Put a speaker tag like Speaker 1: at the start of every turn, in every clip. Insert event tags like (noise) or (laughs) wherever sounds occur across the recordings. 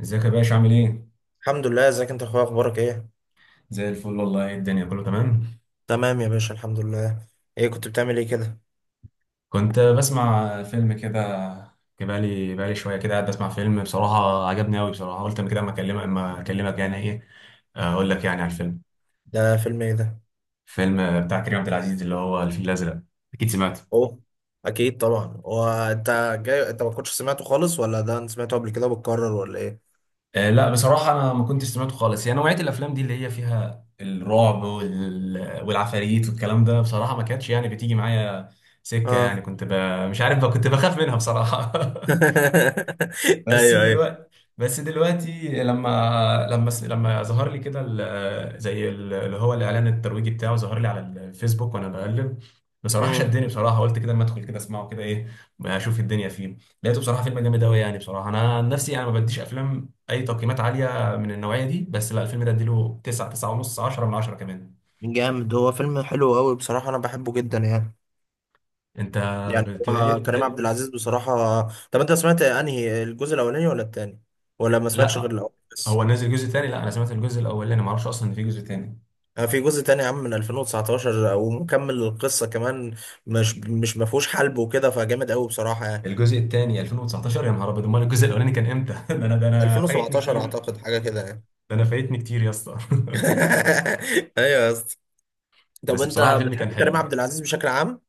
Speaker 1: ازيك يا باشا؟ عامل ايه؟
Speaker 2: الحمد لله، ازيك انت يا اخويا؟ اخبارك ايه؟
Speaker 1: زي الفل والله، الدنيا كله تمام.
Speaker 2: تمام يا باشا، الحمد لله. ايه كنت بتعمل ايه كده؟
Speaker 1: كنت بسمع فيلم كده. بقالي شويه كده قاعد بسمع فيلم، بصراحه عجبني قوي بصراحه. قلت اما كده اما اكلمك يعني، ايه اقول لك يعني على الفيلم.
Speaker 2: ده فيلم ايه ده؟
Speaker 1: فيلم بتاع كريم عبد العزيز، اللي هو الفيل الازرق. اكيد سمعته.
Speaker 2: اوه، اكيد طبعا. هو انت جاي انت ما كنتش سمعته خالص، ولا ده انت سمعته قبل كده وبتكرر ولا ايه؟
Speaker 1: آه لا بصراحه انا ما كنتش سمعته خالص. يعني نوعيه الافلام دي اللي هي فيها الرعب والعفاريت والكلام ده، بصراحه ما كانتش يعني بتيجي معايا سكه. يعني
Speaker 2: اه.
Speaker 1: مش عارف بقى، كنت بخاف منها بصراحه.
Speaker 2: (laughs)
Speaker 1: (laughs) بس
Speaker 2: ايوه ايوه.
Speaker 1: دلوقتي بس دلوقتي لما ظهر لي كده اللي هو الاعلان الترويجي بتاعه، ظهر لي على الفيسبوك وانا بقلب. بصراحه
Speaker 2: امم.
Speaker 1: شدني بصراحه، قلت كده ما ادخل كده اسمعه كده، ايه اشوف الدنيا فيه. لقيته بصراحه فيلم جامد قوي يعني. بصراحه انا عن نفسي انا ما بديش افلام اي تقييمات عاليه من النوعيه دي، بس لا الفيلم ده اديله 9، 9 ونص، 10 من 10 كمان.
Speaker 2: جامد، هو فيلم حلو قوي بصراحه، انا بحبه جدا يعني.
Speaker 1: انت
Speaker 2: يعني
Speaker 1: بت...
Speaker 2: هو
Speaker 1: بت...
Speaker 2: كريم عبد العزيز بصراحه. طب انت سمعت انهي الجزء، الاولاني ولا التاني؟ ولا ما سمعتش غير
Speaker 1: لا
Speaker 2: الاول بس؟
Speaker 1: هو نزل جزء تاني؟ لا انا سمعت الجزء الاولاني، ما اعرفش اصلا ان في جزء تاني.
Speaker 2: في جزء تاني يا عم من 2019، ومكمل القصة كمان. مش ما فيهوش حلب وكده، فجامد قوي بصراحة يعني.
Speaker 1: الجزء الثاني 2019؟ يا نهار ابيض، امال الجزء الاولاني كان امتى؟ (laughs) ده انا فايتني
Speaker 2: 2017
Speaker 1: كتير.
Speaker 2: اعتقد، حاجة كده يعني.
Speaker 1: ده انا فايتني كتير يا اسطى.
Speaker 2: (laughs) ايوه يا اسطى.
Speaker 1: (laughs)
Speaker 2: طب
Speaker 1: بس
Speaker 2: انت
Speaker 1: بصراحه الفيلم كان
Speaker 2: بتحب كريم
Speaker 1: حلو.
Speaker 2: عبد العزيز بشكل عام؟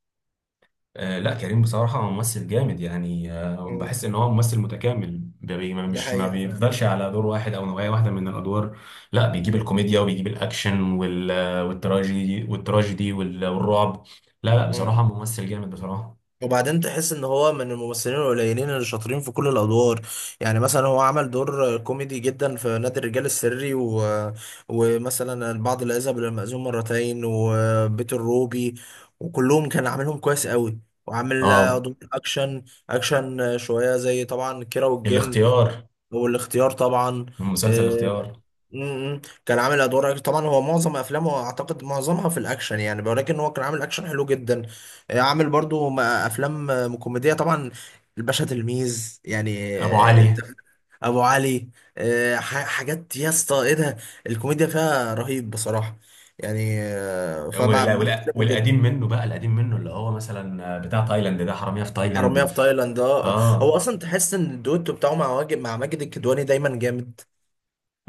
Speaker 1: آه لا كريم بصراحه ممثل جامد يعني. آه
Speaker 2: مم.
Speaker 1: بحس ان هو ممثل متكامل، بي ما
Speaker 2: ده
Speaker 1: مش ما
Speaker 2: حقيقة فعلا.
Speaker 1: بيفضلش على دور واحد او نوعيه واحده من الادوار. لا بيجيب الكوميديا، وبيجيب الاكشن، والتراجيدي والرعب. لا لا
Speaker 2: مم.
Speaker 1: بصراحه ممثل جامد بصراحه.
Speaker 2: وبعدين تحس ان هو من الممثلين القليلين اللي شاطرين في كل الادوار. يعني مثلا هو عمل دور كوميدي جدا في نادي الرجال السري و... ومثلا البعض لا يذهب الى المأذون مرتين وبيت الروبي، وكلهم كان عاملهم كويس قوي. وعامل
Speaker 1: اه
Speaker 2: دور اكشن، اكشن شويه زي طبعا كيرة والجن
Speaker 1: الاختيار،
Speaker 2: والاختيار طبعا.
Speaker 1: مسلسل
Speaker 2: آه،
Speaker 1: الاختيار.
Speaker 2: امم، كان عامل ادوار أكشن. طبعا هو معظم افلامه اعتقد معظمها في الاكشن يعني، ولكن هو كان عامل اكشن حلو جدا. عامل برضو افلام كوميديه طبعا. الباشا تلميذ يعني،
Speaker 1: ابو علي.
Speaker 2: أنت فاهم؟ ابو علي. حاجات يا اسطى، ايه ده! الكوميديا فيها رهيب بصراحه. يعني
Speaker 1: ولا ولا
Speaker 2: فبحترمه
Speaker 1: والقديم
Speaker 2: جدا.
Speaker 1: منه بقى، القديم منه اللي هو مثلا بتاع تايلاند ده، حرامية في
Speaker 2: حراميه
Speaker 1: تايلاند.
Speaker 2: في تايلاند، اه. هو
Speaker 1: اه،
Speaker 2: اصلا تحس ان الدويتو بتاعه مع واجد مع ماجد الكدواني دايما جامد.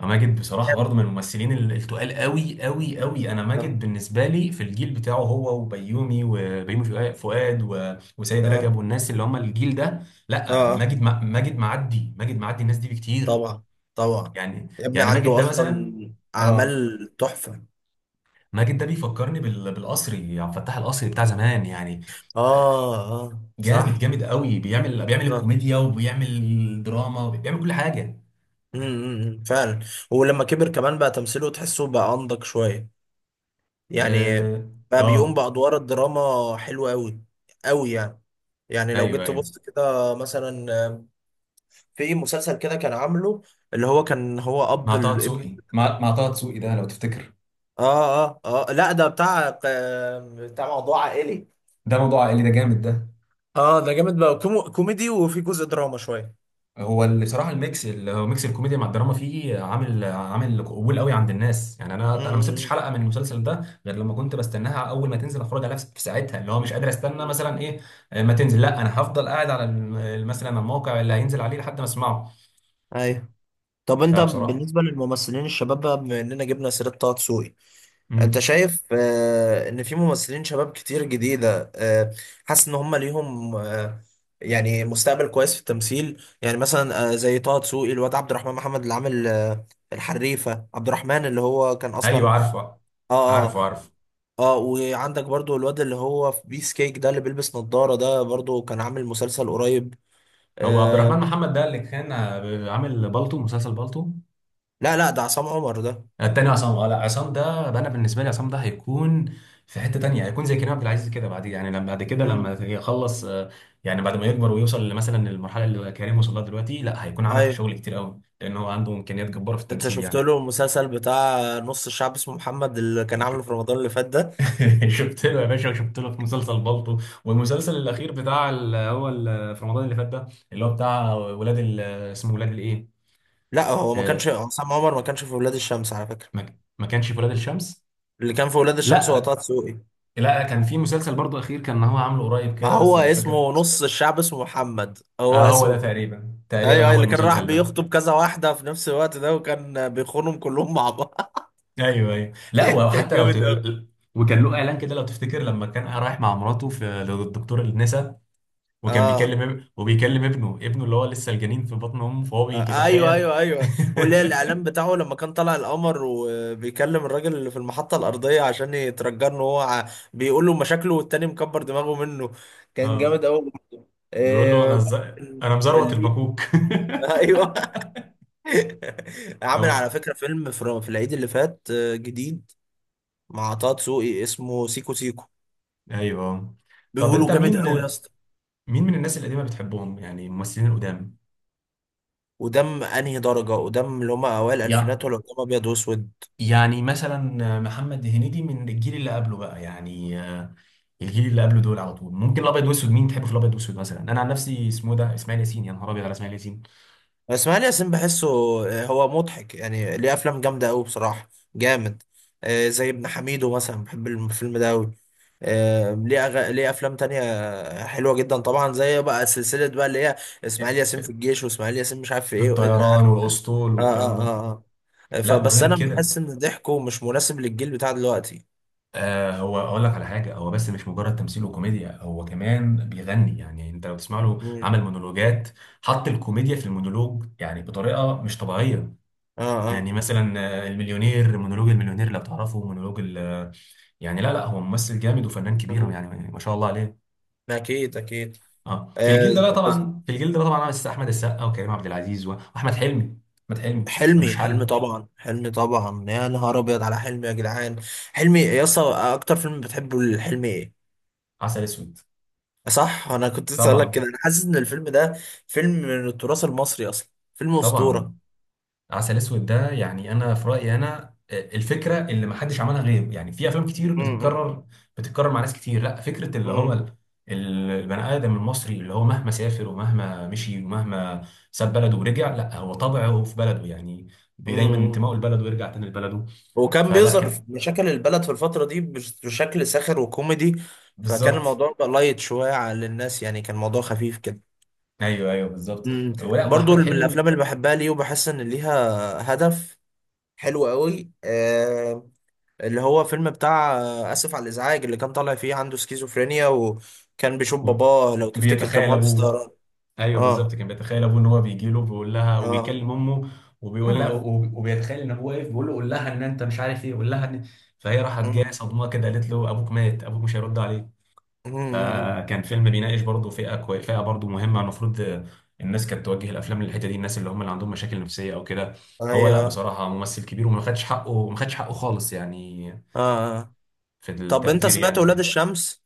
Speaker 1: ماجد بصراحة برضه من
Speaker 2: جامد.
Speaker 1: الممثلين التقال قوي قوي قوي. انا
Speaker 2: اه
Speaker 1: ماجد بالنسبة لي في الجيل بتاعه هو وبيومي فؤاد وسيد
Speaker 2: اه
Speaker 1: رجب والناس اللي هم الجيل ده. لا
Speaker 2: اه.
Speaker 1: ماجد ماجد معدي الناس دي بكتير
Speaker 2: طبعا، طبعا.
Speaker 1: يعني.
Speaker 2: يا ابني
Speaker 1: يعني ماجد
Speaker 2: عنده
Speaker 1: ده
Speaker 2: اصلا
Speaker 1: مثلا، اه،
Speaker 2: اعمال تحفه.
Speaker 1: ماجد ده بيفكرني بالقصري، عبد الفتاح القصري بتاع زمان يعني.
Speaker 2: اه اه،
Speaker 1: جامد
Speaker 2: صح.
Speaker 1: جامد قوي، بيعمل
Speaker 2: اه.
Speaker 1: الكوميديا، وبيعمل الدراما، وبيعمل كل حاجه.
Speaker 2: امم. أمم، فعلا. ولما كبر كمان بقى، تمثيله تحسه بقى انضج شويه يعني.
Speaker 1: اه،
Speaker 2: بقى بيقوم
Speaker 1: اه،
Speaker 2: بادوار الدراما حلوه قوي. قوي يعني. يعني لو
Speaker 1: ايوه
Speaker 2: جيت
Speaker 1: ايوه،
Speaker 2: تبص كده مثلا، في مسلسل كده كان عامله، اللي هو كان هو اب
Speaker 1: مع طه
Speaker 2: الابن.
Speaker 1: دسوقي، مع طه دسوقي ده لو تفتكر.
Speaker 2: اه اه اه، لا ده بتاع بتاع موضوع عائلي.
Speaker 1: ده موضوع عائلي ده، جامد ده.
Speaker 2: اه، ده جامد بقى، كوميدي وفي جزء دراما شويه.
Speaker 1: هو اللي بصراحه الميكس، اللي هو ميكس الكوميديا مع الدراما، فيه عامل عامل قبول قوي عند الناس يعني. انا ما سبتش
Speaker 2: مم.
Speaker 1: حلقه من المسلسل ده غير لما كنت بستناها اول ما تنزل اتفرج عليها في ساعتها، اللي هو مش قادر استنى مثلا، ايه ما تنزل. لا انا هفضل قاعد على مثلا الموقع اللي هينزل عليه لحد ما اسمعه.
Speaker 2: ايوه. طب انت
Speaker 1: فبصراحه،
Speaker 2: بالنسبه للممثلين الشباب بقى، بما اننا جبنا سيره طه دسوقي، انت
Speaker 1: امم
Speaker 2: شايف آه ان في ممثلين شباب كتير جديده آه، حاسس ان هم ليهم آه يعني مستقبل كويس في التمثيل؟ يعني مثلا آه زي طه دسوقي، الواد عبد الرحمن محمد اللي عامل آه الحريفه، عبد الرحمن اللي هو كان
Speaker 1: ايوه
Speaker 2: اصلا.
Speaker 1: عارفه،
Speaker 2: اه اه
Speaker 1: عارفه عارفه.
Speaker 2: اه. وعندك برضو الواد اللي هو في بيس كيك ده، اللي بيلبس نظاره ده، برضو كان عامل مسلسل قريب.
Speaker 1: هو عبد
Speaker 2: آه،
Speaker 1: الرحمن محمد ده اللي كان عامل بالطو، مسلسل بالطو.
Speaker 2: لا لا ده عصام عمر ده.
Speaker 1: التاني عصام، اه لا عصام ده بقى، انا بالنسبه لي عصام ده هيكون في حته تانيه، هيكون زي كريم عبد العزيز كده بعد يعني، لما بعد كده لما
Speaker 2: مم.
Speaker 1: يخلص يعني بعد ما يكبر ويوصل مثلا للمرحله اللي كريم وصل لها دلوقتي، لا هيكون عمل
Speaker 2: ايوه.
Speaker 1: شغل كتير قوي لان هو عنده امكانيات جباره في
Speaker 2: انت
Speaker 1: التمثيل
Speaker 2: شفت
Speaker 1: يعني.
Speaker 2: له المسلسل بتاع نص الشعب اسمه محمد، اللي كان عامله في رمضان اللي فات ده؟
Speaker 1: (laughs) شفت له يا باشا، شفت له في مسلسل بالطو، والمسلسل الاخير بتاع في رمضان اللي فات ده، اللي هو بتاع اسمه ولاد الايه؟
Speaker 2: لا، هو ما
Speaker 1: آه،
Speaker 2: كانش عصام عمر، ما كانش في ولاد الشمس على فكره.
Speaker 1: ما ما كانش في ولاد الشمس.
Speaker 2: اللي كان في ولاد الشمس هو طه
Speaker 1: لا
Speaker 2: دسوقي.
Speaker 1: لا كان في مسلسل برضو اخير كان هو عامله قريب
Speaker 2: ما
Speaker 1: كده، بس
Speaker 2: هو
Speaker 1: مش فاكر
Speaker 2: اسمه
Speaker 1: اسمه.
Speaker 2: نص الشعب اسمه محمد، هو
Speaker 1: اه هو
Speaker 2: اسمه
Speaker 1: ده
Speaker 2: كده.
Speaker 1: تقريبا،
Speaker 2: ايوه
Speaker 1: تقريبا
Speaker 2: ايوه،
Speaker 1: هو
Speaker 2: اللي كان راح
Speaker 1: المسلسل ده.
Speaker 2: بيخطب كذا واحده في نفس الوقت ده، وكان بيخونهم كلهم مع بعض. (laughs)
Speaker 1: ايوه ايوه، لا
Speaker 2: كان
Speaker 1: وحتى لو
Speaker 2: جامد قوي.
Speaker 1: وكان له اعلان كده لو تفتكر، لما كان رايح مع مراته في للدكتور النسا، وكان
Speaker 2: اه.
Speaker 1: بيكلم وبيكلم ابنه، ابنه اللي هو لسه الجنين في بطن امه، فهو
Speaker 2: ايوه
Speaker 1: بيتخيل.
Speaker 2: ايوه
Speaker 1: (laughs)
Speaker 2: ايوه. واللي هي الاعلان بتاعه لما كان طالع القمر، وبيكلم الراجل اللي في المحطه الارضيه عشان يترجى له، هو بيقول له مشاكله والتاني مكبر دماغه منه. كان جامد
Speaker 1: اه
Speaker 2: قوي.
Speaker 1: بيقول له انا
Speaker 2: إيه
Speaker 1: انا مزروت
Speaker 2: اللي...
Speaker 1: المكوك.
Speaker 2: (laughs) ايوه. (laughs)
Speaker 1: (laughs)
Speaker 2: عامل
Speaker 1: أو-
Speaker 2: على فكره فيلم في في العيد اللي فات جديد مع طه دسوقي، اسمه سيكو سيكو.
Speaker 1: ايوه. طب انت
Speaker 2: بيقولوا
Speaker 1: مين،
Speaker 2: جامد قوي يا اسطى.
Speaker 1: مين من الناس القديمة بتحبهم يعني، الممثلين القدام؟
Speaker 2: ودم انهي درجه؟ ودم اللي هم اوائل
Speaker 1: يا
Speaker 2: الالفينات، ولا قدام ابيض واسود؟
Speaker 1: يعني مثلا محمد هنيدي من الجيل اللي قبله بقى يعني الجيل اللي قبله دول على طول. ممكن الابيض واسود، مين تحبه في الابيض واسود؟ مثلا انا عن نفسي اسمه ده اسماعيل ياسين، يا نهار ابيض على اسماعيل ياسين.
Speaker 2: اسماعيل ياسين بحسه هو مضحك يعني، ليه افلام جامده قوي بصراحه. جامد. زي ابن حميدو مثلا، بحب الفيلم ده قوي. ليه افلام تانية حلوه جدا، طبعا زي إيه بقى، سلسله بقى اللي هي اسماعيل ياسين في الجيش، واسماعيل ياسين مش عارف في
Speaker 1: في
Speaker 2: ايه اللي
Speaker 1: الطيران
Speaker 2: عارف.
Speaker 1: والاسطول
Speaker 2: اه
Speaker 1: والكلام
Speaker 2: اه
Speaker 1: ده.
Speaker 2: اه. آه.
Speaker 1: لا
Speaker 2: فبس
Speaker 1: وغير
Speaker 2: انا
Speaker 1: كده،
Speaker 2: بحس ان ضحكه مش مناسب للجيل بتاع دلوقتي.
Speaker 1: آه هو اقول لك على حاجه، هو بس مش مجرد تمثيل وكوميديا، هو كمان بيغني. يعني انت لو تسمع له،
Speaker 2: مم.
Speaker 1: عمل مونولوجات حط الكوميديا في المونولوج يعني بطريقه مش طبيعيه.
Speaker 2: اه اه.
Speaker 1: يعني مثلا المليونير، مونولوج المليونير لو تعرفه، مونولوج ال يعني لا لا، هو ممثل جامد وفنان كبير
Speaker 2: مم.
Speaker 1: يعني، ما شاء الله عليه.
Speaker 2: اكيد اكيد.
Speaker 1: اه في الجيل ده،
Speaker 2: آه،
Speaker 1: لا طبعا في الجيل ده طبعا عمل احمد السقا وكريم عبد العزيز واحمد حلمي. احمد حلمي ملوش
Speaker 2: حلمي، حلمي
Speaker 1: حل.
Speaker 2: طبعا، حلمي طبعا، يا نهار ابيض على حلمي يا جدعان. حلمي يا اسطى. اكتر فيلم بتحبه الحلمي ايه؟
Speaker 1: عسل اسود.
Speaker 2: صح، انا كنت لسه هقول لك كده،
Speaker 1: طبعا.
Speaker 2: انا حاسس ان الفيلم ده فيلم من التراث المصري اصلا، فيلم
Speaker 1: طبعا
Speaker 2: اسطوره.
Speaker 1: عسل اسود ده يعني انا في رايي انا الفكره اللي ما حدش عملها غيره، يعني في افلام كتير
Speaker 2: امم.
Speaker 1: بتتكرر، بتتكرر مع ناس كتير، لا فكره اللي هو
Speaker 2: امم.
Speaker 1: البني ادم المصري اللي هو مهما سافر ومهما مشي، ومهما ساب بلده ورجع، لا هو طبعه في بلده يعني. دايما
Speaker 2: امم.
Speaker 1: انتمائه لبلده، ويرجع تاني لبلده.
Speaker 2: وكان
Speaker 1: فلا
Speaker 2: بيظهر في
Speaker 1: كان،
Speaker 2: مشاكل البلد في الفتره دي بشكل ساخر وكوميدي، فكان
Speaker 1: بالظبط.
Speaker 2: الموضوع بقى لايت شويه على الناس يعني، كان الموضوع خفيف كده.
Speaker 1: ايوه ايوه بالظبط.
Speaker 2: امم.
Speaker 1: ولا،
Speaker 2: برضو
Speaker 1: واحمد
Speaker 2: من الافلام
Speaker 1: حلمي
Speaker 2: اللي بحبها ليه، وبحس ان ليها هدف حلو قوي، اللي هو فيلم بتاع اسف على الازعاج، اللي كان طالع فيه عنده سكيزوفرينيا، وكان بيشوف باباه لو تفتكر، كان
Speaker 1: بيتخيل
Speaker 2: مهندس
Speaker 1: ابوه،
Speaker 2: طيران.
Speaker 1: ايوه
Speaker 2: اه
Speaker 1: بالظبط كان بيتخيل ابوه، ان هو بيجي له بيقول لها،
Speaker 2: اه.
Speaker 1: وبيكلم امه، وبيقول لها،
Speaker 2: مم.
Speaker 1: وبيتخيل ان ابوه واقف بيقول له قول لها ان انت مش عارف ايه، قول لها ان. فهي راحت جايه
Speaker 2: مم.
Speaker 1: صدمه كده، قالت له ابوك مات، ابوك مش هيرد عليك.
Speaker 2: مم.
Speaker 1: فكان فيلم بيناقش برضه فئه برضه مهمه، المفروض الناس كانت توجه الافلام للحته دي، الناس اللي هم اللي عندهم مشاكل نفسيه او كده. هو لا
Speaker 2: ايوه.
Speaker 1: بصراحه ممثل كبير، وما خدش حقه، ما خدش حقه خالص يعني
Speaker 2: اه. آه.
Speaker 1: في
Speaker 2: طب انت
Speaker 1: التقدير يعني
Speaker 2: سمعت ولاد
Speaker 1: وكده.
Speaker 2: الشمس؟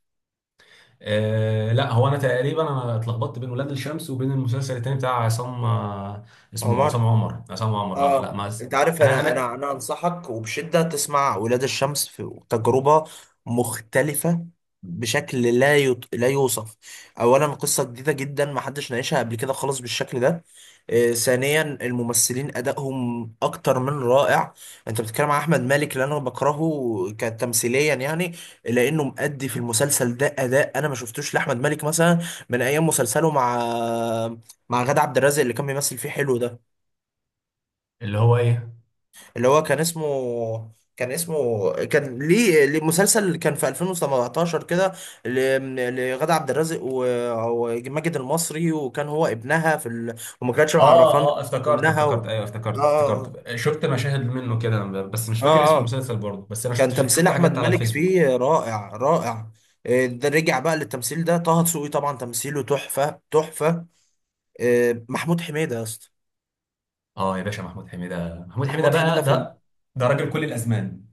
Speaker 1: آه لا هو انا تقريبا، انا اتلخبطت بين ولاد الشمس وبين المسلسل التاني بتاع عصام، آه اسمه
Speaker 2: عمر.
Speaker 1: عصام عمر، عصام عمر، اه لا
Speaker 2: اه،
Speaker 1: ما اس-
Speaker 2: انت عارف،
Speaker 1: انا
Speaker 2: انا انا
Speaker 1: انا.
Speaker 2: انا انصحك وبشده تسمع ولاد الشمس، في تجربه مختلفه بشكل لا يوصف. اولا قصه جديده جدا، ما حدش ناقشها قبل كده خالص بالشكل ده. آه، ثانيا الممثلين ادائهم اكتر من رائع. انت بتتكلم عن احمد مالك اللي انا بكرهه كتمثيليا يعني، لانه مؤدي في المسلسل ده اداء انا ما شفتوش لاحمد مالك مثلا من ايام مسلسله مع مع غادة عبد الرازق اللي كان بيمثل فيه حلو ده،
Speaker 1: اللي هو ايه؟
Speaker 2: اللي هو كان اسمه كان ليه مسلسل كان في 2017 كده، لغادة عبد الرازق وماجد المصري، وكان هو ابنها في ال... وما كانتش
Speaker 1: اه
Speaker 2: معرفان
Speaker 1: اه افتكرت
Speaker 2: ابنها
Speaker 1: افتكرت،
Speaker 2: و...
Speaker 1: ايوه
Speaker 2: اه
Speaker 1: افتكرت
Speaker 2: اه
Speaker 1: افتكرت، شفت مشاهد منه كده بس مش
Speaker 2: اه
Speaker 1: فاكر اسم
Speaker 2: اه. آه.
Speaker 1: المسلسل برضه، بس انا
Speaker 2: كان
Speaker 1: شفت،
Speaker 2: تمثيل
Speaker 1: شفت
Speaker 2: احمد
Speaker 1: حاجات على
Speaker 2: مالك
Speaker 1: الفيسبوك.
Speaker 2: فيه رائع رائع. آه، ده رجع بقى للتمثيل، ده طه دسوقي طبعا تمثيله تحفة تحفة. آه، محمود حميدة يا اسطى.
Speaker 1: اه يا باشا، محمود حميدة، محمود حميدة
Speaker 2: محمود حميدة
Speaker 1: بقى
Speaker 2: في ال...
Speaker 1: ده، ده راجل كل الازمان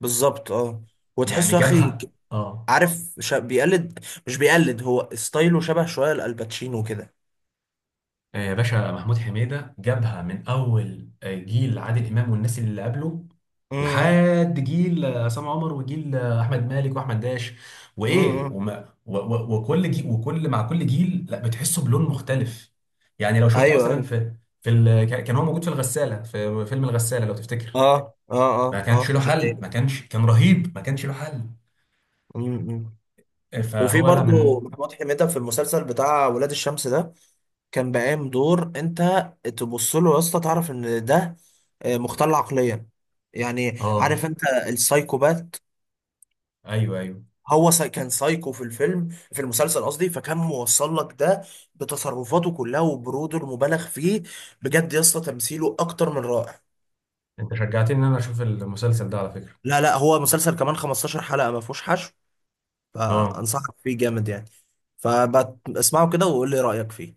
Speaker 2: بالظبط، اه.
Speaker 1: يعني،
Speaker 2: وتحسه يا اخي،
Speaker 1: جابها. اه
Speaker 2: عارف بيقلد، مش بيقلد، هو ستايله شبه شويه لالباتشينو كده.
Speaker 1: يا باشا محمود حميدة جابها من أول جيل عادل إمام والناس اللي قبله،
Speaker 2: امم.
Speaker 1: لحد جيل عصام عمر، وجيل أحمد مالك، وأحمد داش، وإيه،
Speaker 2: امم.
Speaker 1: وما و و وكل جيل وكل مع كل جيل، لا بتحسه بلون مختلف. يعني لو شفته
Speaker 2: ايوه
Speaker 1: مثلا
Speaker 2: ايوه.
Speaker 1: في كان كان هو موجود في الغسالة، في فيلم الغسالة لو تفتكر،
Speaker 2: اه اه
Speaker 1: ما
Speaker 2: اه اه،
Speaker 1: كانش له
Speaker 2: دي
Speaker 1: حل،
Speaker 2: حقيقة.
Speaker 1: ما كانش، كان رهيب، ما كانش له حل.
Speaker 2: أمم، أمم. وفي
Speaker 1: فهو لا
Speaker 2: برضو
Speaker 1: من،
Speaker 2: محمود حميدة في المسلسل بتاع ولاد الشمس ده، كان بقام دور انت تبص له يا اسطى تعرف ان ده مختل عقليا، يعني عارف
Speaker 1: آه
Speaker 2: انت، السايكوبات.
Speaker 1: أيوه أيوه.
Speaker 2: هو كان سايكو في الفيلم، في المسلسل قصدي، فكان موصل لك ده بتصرفاته كلها، وبروده المبالغ فيه. بجد يا اسطى تمثيله اكتر من رائع.
Speaker 1: أنت شجعتني إن أنا أشوف المسلسل ده على فكرة.
Speaker 2: لا لا، هو مسلسل كمان 15 حلقة ما فيهوش حشو،
Speaker 1: آه
Speaker 2: فانصحك فيه جامد يعني، فاسمعه كده وقول لي رأيك فيه.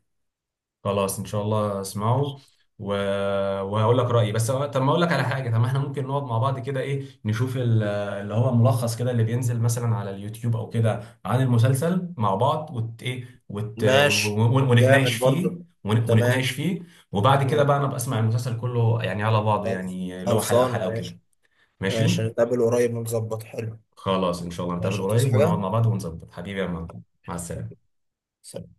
Speaker 1: خلاص ان شاء الله اسمعه و... وهقول لك رايي. بس طب ما اقول لك على حاجه، طب ما احنا ممكن نقعد مع بعض كده، ايه نشوف اللي هو ملخص كده، اللي بينزل مثلا على اليوتيوب او كده عن المسلسل مع بعض، وت... ايه وت... و-
Speaker 2: ماشي.
Speaker 1: و- ونتناقش
Speaker 2: جامد
Speaker 1: فيه،
Speaker 2: برضه. تمام.
Speaker 1: ونتناقش فيه، وبعد كده
Speaker 2: مم.
Speaker 1: بقى انا بسمع المسلسل كله يعني على بعضه،
Speaker 2: خلص.
Speaker 1: يعني اللي هو حلقه
Speaker 2: خلصان
Speaker 1: حلقه وكده.
Speaker 2: ماشي.
Speaker 1: ماشي.
Speaker 2: ماشي، نتقابل قريب ونظبط حلو.
Speaker 1: خلاص ان شاء الله نتقابل
Speaker 2: ماشي، هتوس
Speaker 1: قريب ونقعد
Speaker 2: حاجة.
Speaker 1: مع بعض ونظبط حبيبي، يا معلم. مع السلامه.
Speaker 2: سلام.